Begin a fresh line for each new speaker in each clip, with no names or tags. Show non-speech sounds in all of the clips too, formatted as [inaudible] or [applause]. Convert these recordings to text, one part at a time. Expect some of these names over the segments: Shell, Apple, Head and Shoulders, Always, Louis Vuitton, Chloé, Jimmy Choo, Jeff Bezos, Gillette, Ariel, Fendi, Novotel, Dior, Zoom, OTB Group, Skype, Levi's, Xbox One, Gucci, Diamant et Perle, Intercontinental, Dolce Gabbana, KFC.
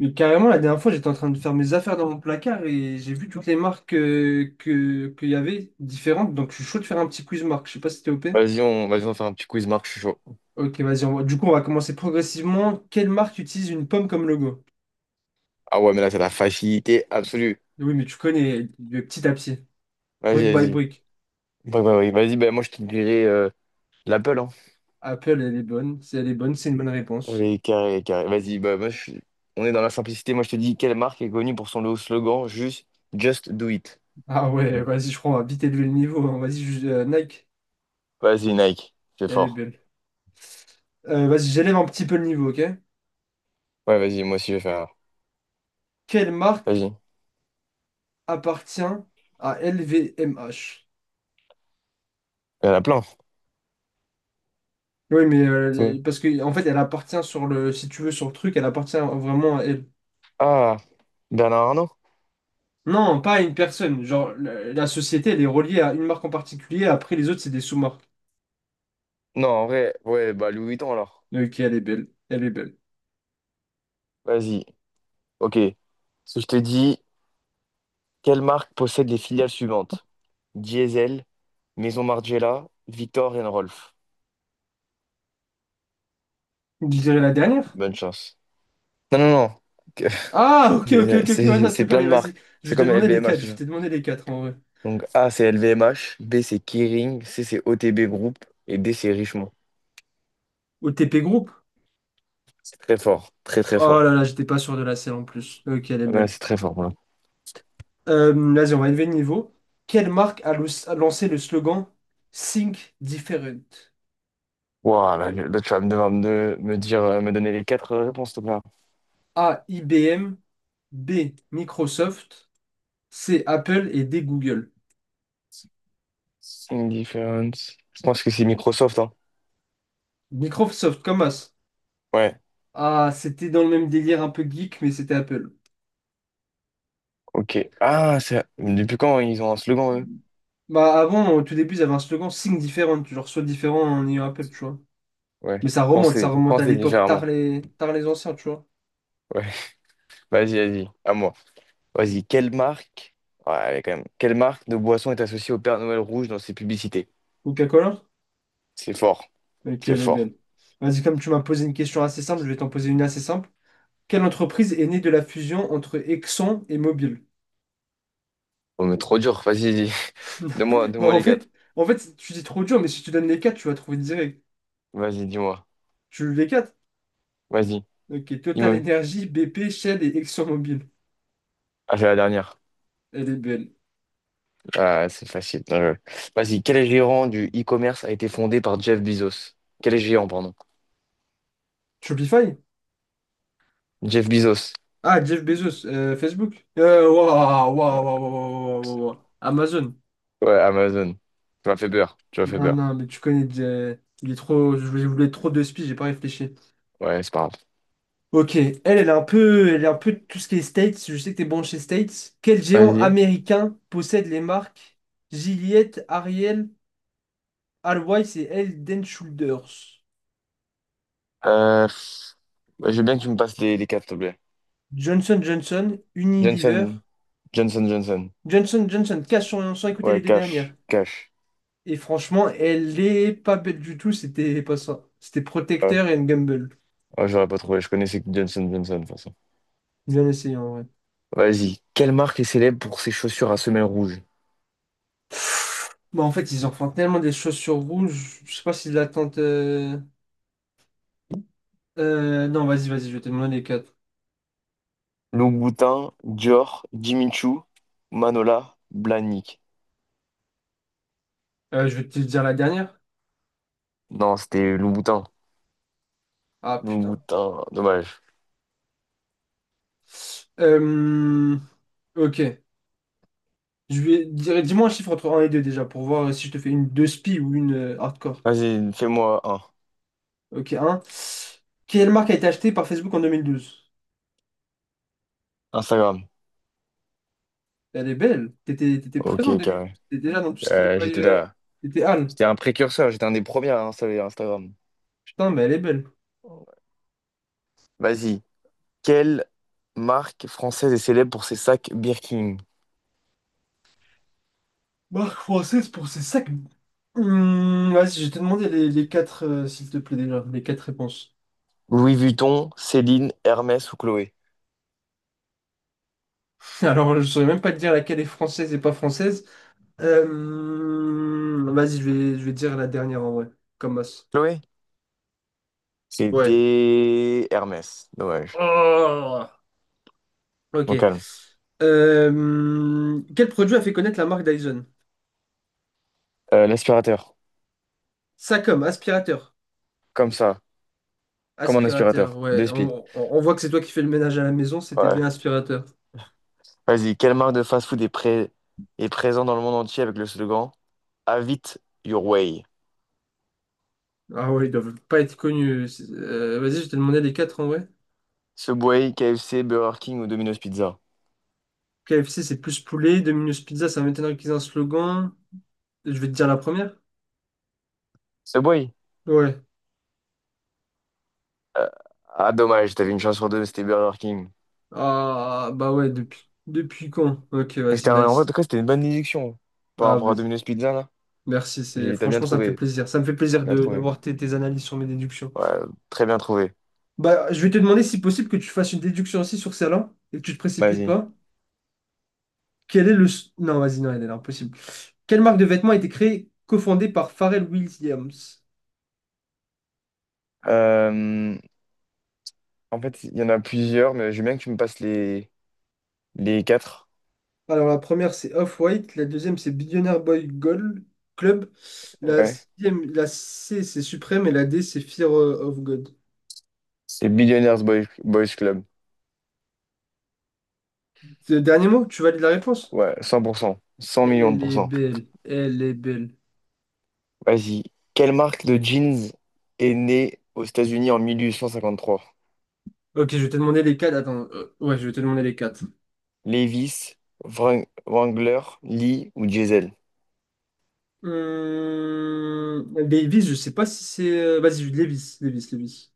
Mais carrément, la dernière fois, j'étais en train de faire mes affaires dans mon placard et j'ai vu toutes les marques qu'il y avait différentes. Donc, je suis chaud de faire un petit quiz marque. Je sais pas si t'es OP.
Vas-y, on fait un petit quiz, Marc, je suis chaud.
Ok, vas-y. Du coup, on va commencer progressivement. Quelle marque utilise une pomme comme logo?
Ah ouais, mais là, c'est la facilité absolue.
Oui, mais tu connais de petit à petit.
Vas-y,
Brick by
vas-y.
brick.
Ouais, ouais, ouais. Vas-y, ben moi, je te dirais l'Apple, hein.
Apple, elle est bonne. Si elle est bonne, c'est une bonne réponse.
Allez, carré, carré. Vas-y, bah, moi, on est dans la simplicité. Moi, je te dis, quelle marque est connue pour son nouveau slogan, juste Just Do It.
Ah ouais, vas-y, je crois, on va vite élever le niveau, hein. Nike,
Vas-y, Nike, c'est
elle est
fort.
belle. Vas-y, j'élève un petit peu le niveau, ok?
Ouais, vas-y, moi aussi, je vais faire.
Quelle marque
Vas-y. Il
appartient à LVMH?
y en a plein.
Oui, mais
Ouais.
parce que en fait, elle appartient sur le, si tu veux, sur le truc, elle appartient vraiment à elle.
Ah, Bernard Arnault?
Non, pas à une personne. Genre, la société, elle est reliée à une marque en particulier. Après, les autres, c'est des sous-marques.
Non, en vrai, ouais, bah, Louis Vuitton, alors.
Ok, elle est belle. Elle est belle.
Vas-y, ok. Si je te dis quelle marque possède les filiales suivantes? Diesel, Maison Margiela, Victor et Rolf.
Je dirais la dernière.
Bonne chance. Non, non, non. Que-
Ah,
[laughs]
ok, ok,
C'est
ok, ok, ouais,
c'est-
non, c'était
c'est
pas
plein
les.
de
Vas-y.
marques.
Je
C'est
vais te
comme
demander les
LVMH,
quatre. Je
tout
vais
ça.
te demander les quatre en vrai.
Donc A, c'est LVMH. B, c'est Kering. C, c'est OTB Group. Et D, c'est Richemont.
Au TP Group.
C'est très fort. Très, très
Oh
fort.
là là, j'étais pas sûr de la selle en plus. Ok, elle est
Ouais,
belle.
c'est très fort. Voilà.
Vas-y, on va élever le niveau. Quelle marque a lancé le slogan Think Different?
Wow, là, là, tu vas me devoir me, me dire, me donner les quatre réponses, tout.
A. IBM. B, Microsoft, C, Apple et D, Google.
Indifference. Je pense que c'est Microsoft, hein.
Microsoft, comme as.
Ouais,
Ah, c'était dans le même délire un peu geek, mais c'était Apple.
ok. Ah, depuis quand ils ont un slogan, eux?
Bah avant, au tout début, ils avaient un slogan Think Different, genre sois différent en ayant Apple, tu vois.
Ouais.
Mais ça
Pensez,
remonte à
pensez
l'époque,
légèrement.
tard les anciens, tu vois.
Ouais. [laughs] Vas-y, vas-y. À moi. Vas-y. Quelle marque? Ouais, allez, quand même. Quelle marque de boisson est associée au Père Noël rouge dans ses publicités?
Coca-Cola?
C'est fort.
Ok,
C'est
elle est
fort.
belle. Vas-y, comme tu m'as posé une question assez simple, je vais t'en poser une assez simple. Quelle entreprise est née de la fusion entre Exxon et Mobil?
Oh, mais trop dur. Vas-y, vas-y. [laughs] Donne-moi,
[laughs]
donne-moi
En
les quatre.
fait, en fait, tu dis trop dur, mais si tu donnes les quatre, tu vas trouver direct.
Vas-y, dis-moi.
Tu veux les quatre?
Vas-y.
Ok, Total
Dis-moi.
Energy, BP, Shell et ExxonMobil.
Ah, c'est la dernière.
Elle est belle.
Ah, c'est facile. Non, vas-y. Quel géant du e-commerce a été fondé par Jeff Bezos? Quel géant, pardon?
Shopify?
Jeff Bezos.
Ah, Jeff Bezos, Facebook. Waouh, waouh, waouh, waouh, waouh. Amazon.
Ouais, Amazon. Tu m'as fait peur. Tu m'as fait
Non,
peur.
non, mais tu connais, il est trop, je voulais trop de spies, j'ai pas réfléchi.
Ouais, c'est pas grave.
Ok, elle est un peu, elle est un peu tout ce qui est States. Je sais que t'es bon chez States. Quel géant
Vas-y.
américain possède les marques Gillette, Ariel, Always et Head and Shoulders?
Pff, ouais, je veux bien que tu me passes les quatre, s'il te plaît.
Johnson Johnson, Unilever,
Johnson, Johnson, Johnson.
Johnson Johnson, cash sur, sans écouter les
Ouais,
deux dernières.
Cash, Cash.
Et franchement, elle est pas belle du tout, c'était pas ça. C'était
Ouais,
Protecteur et Gumball.
ouais, j'aurais pas trouvé. Je connaissais que Johnson, Johnson, de toute façon.
Bien essayé en vrai.
Vas-y. Quelle marque est célèbre pour ses chaussures à semelles rouges?
Bon, en fait, ils en font tellement des choses sur rouge, je sais pas si l'attente. Non, vas-y, je vais te demander les quatre.
Louboutin, Dior, Jimmy Choo, Manola, Blahnik.
Je vais te dire la dernière.
Non, c'était Louboutin.
Ah putain.
Louboutin, dommage.
Euh, ok. Je vais dire, dis-moi un chiffre entre un et 2 déjà pour voir si je te fais une 2 spi ou une hardcore.
Vas-y, fais-moi un.
Ok, un. Quelle marque a été achetée par Facebook en 2012?
Instagram.
Elle est belle. T'étais
Ok,
présent en
carré.
2012. T'étais là dans tout ce qui est bail,
J'étais là.
t'étais Al.
J'étais un précurseur, j'étais un des premiers à installer Instagram.
Putain, mais elle est belle.
Vas-y. Quel Marque française est célèbre pour ses sacs Birkin?
Marque française pour ses sacs. Vas-y, je vais te demander les quatre, s'il te plaît, déjà. Les quatre réponses.
Louis Vuitton, Céline, Hermès ou Chloé.
[laughs] Alors, je saurais même pas te dire laquelle est française et pas française. Je vais te dire la dernière en vrai. Comme masse.
Chloé?
Ouais.
C'était Hermès. Dommage.
Oh, ok.
Bon, calme.
Quel produit a fait connaître la marque Dyson?
L'aspirateur.
Sacom, aspirateur.
Comme ça. Comme un
Aspirateur,
aspirateur.
ouais.
Deux spies.
On voit que c'est toi qui fais le ménage à la maison, c'était
Ouais.
bien aspirateur.
Vas-y. Quelle marque de fast-food est présente dans le monde entier avec le slogan Have it your way.
Ah ouais, ils doivent pas être connus. Vas-y, je t'ai demandé les quatre en vrai.
Subway, KFC, Burger King ou Domino's Pizza.
KFC, c'est plus poulet. Domino's Pizza, ça m'étonnerait qu'ils aient un slogan. Je vais te dire la première.
Subway?
Ouais.
Euh, ah, dommage. T'avais une chance sur deux. C'était Burger King.
Ah bah ouais, depuis quand? Ok,
Mais
vas-y,
en tout
nice.
cas, c'était une bonne déduction par
Ah
rapport
bah,
à Domino's Pizza, là.
merci, c'est
T'as bien
franchement ça me fait
trouvé.
plaisir. Ça me fait plaisir
Bien
de
trouvé.
d'avoir tes analyses sur mes déductions.
Ouais, très bien trouvé.
Bah, je vais te demander si possible que tu fasses une déduction aussi sur celle-là et que tu te précipites
Vas-y.
pas. Quel est le... s- Non, vas-y, non, elle est impossible. Quelle marque de vêtements a été créée, cofondée par Pharrell Williams?
Euh, en fait, il y en a plusieurs, mais j'aime bien que tu me passes les quatre.
Alors, la première, c'est Off-White. La deuxième, c'est Billionaire Boy Gold Club.
Ouais.
La C, c'est Supreme. Et la D, c'est Fear of God.
C'est Billionaires Boys Club.
Le dernier mot, tu valides la réponse?
Ouais, 100%, 100 millions de
Elle est
pourcents.
belle. Elle est belle.
Vas-y. Quelle marque de jeans est née aux États-Unis en 1853?
Ok, je vais te demander les quatre. Attends. Ouais, je vais te demander les quatre.
Levi's, Wrangler, Lee ou Diesel?
Levi's, je sais pas si c'est. Vas-y, Levi's. Levi's.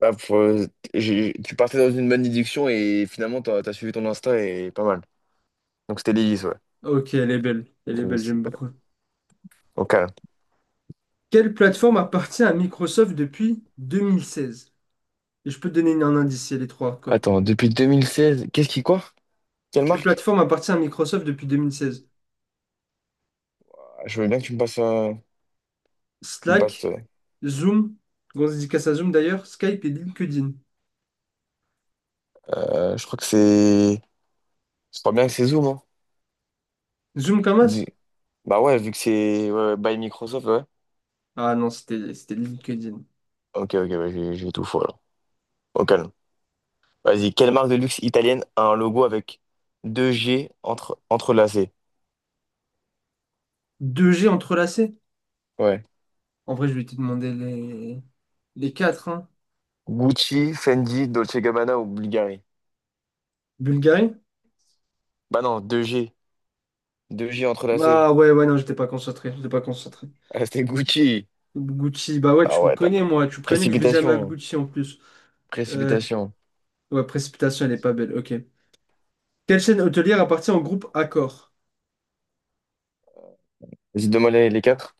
Bah, tu partais dans une bonne déduction et finalement, t'as suivi ton instinct et pas mal. Donc, c'était Levi's, ouais.
Ok, elle est belle. Elle est belle,
Levi's.
j'aime beaucoup.
Ok.
Quelle plateforme appartient à Microsoft depuis 2016? Et je peux te donner un indice, il y a les trois encore.
Attends, depuis 2016, qu'est-ce qui quoi? Quelle
Quelle
marque?
plateforme appartient à Microsoft depuis 2016?
Ah, je veux bien que tu me passes. Tu me passes
Slack, Zoom, grosse dédicace à Zoom d'ailleurs, Skype et LinkedIn.
je crois que c'est. Je crois bien que c'est Zoom, hein.
Zoom comme
Vu-
as?
Bah ouais, vu que c'est ouais, ouais, by Microsoft, ouais.
Ah non, c'était LinkedIn.
Ok, ok, bah, j'ai tout faux alors. Au calme. Vas-y, quelle marque de luxe italienne a un logo avec deux G entrelacés?
Deux g entrelacé?
Ouais.
En vrai, je vais te demander les quatre, hein.
Gucci, Fendi, Dolce Gabbana ou Bulgari?
Bulgarie?
Bah non, deux G. Deux G entrelacés.
Ah ouais, ouais, non, j'étais pas concentré.
Ah, c'était Gucci.
Gucci, bah ouais,
Ah ouais,
tu me connais que je vais jamais à
précipitation.
Gucci en plus. Euh,
Précipitation.
ouais, précipitation, elle est pas belle, ok. Quelle chaîne hôtelière appartient au groupe Accor?
Vas-y, demande les quatre.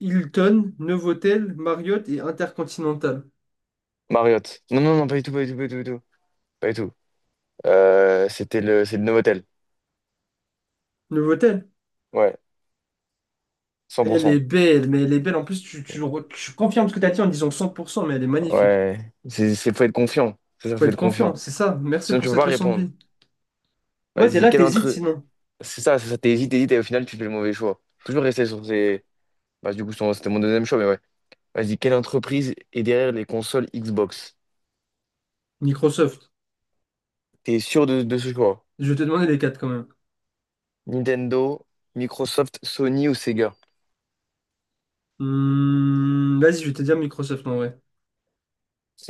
Hilton, Novotel, Marriott et Intercontinental.
Marriott. Non, non, non, pas du tout, pas du tout, pas du tout, pas du tout. Pas du tout. C'est le Novotel.
Novotel?
Ouais,
Elle est
100%.
belle, mais elle est belle. En plus, tu confirmes ce que tu as dit en disant 100%, mais elle est magnifique.
Ouais, faut être confiant. C'est ça,
Faut
faut
être
être
confiant,
confiant.
c'est ça. Merci
Sinon,
pour
tu peux
cette
pas
leçon de
répondre.
vie. Ouais, t'es
Vas-y,
là,
quel
t'hésites
intrus.
sinon.
C'est ça, t'hésites, t'hésites, et au final, tu fais le mauvais choix. Toujours rester sur ces. Bah, du coup, c'était mon deuxième choix, mais ouais. Vas-y, quelle entreprise est derrière les consoles Xbox?
Microsoft.
T'es sûr de ce choix?
Je vais te demander les quatre quand même.
Nintendo, Microsoft, Sony ou Sega?
Vas-y, je vais te dire Microsoft en vrai.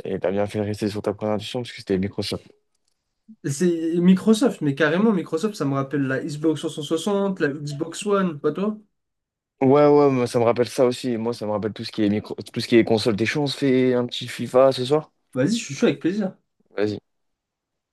Et t'as bien fait de rester sur ta première intuition, parce que c'était Microsoft.
C'est Microsoft, mais carrément Microsoft, ça me rappelle la Xbox 360, la Xbox One, pas toi?
Ouais, ouais, moi, ça me rappelle ça aussi. Moi, ça me rappelle tout ce qui est micro, tout ce qui est console. T'es chaud, on se fait un petit FIFA ce soir?
Vas-y, je suis chaud avec plaisir.
Vas-y.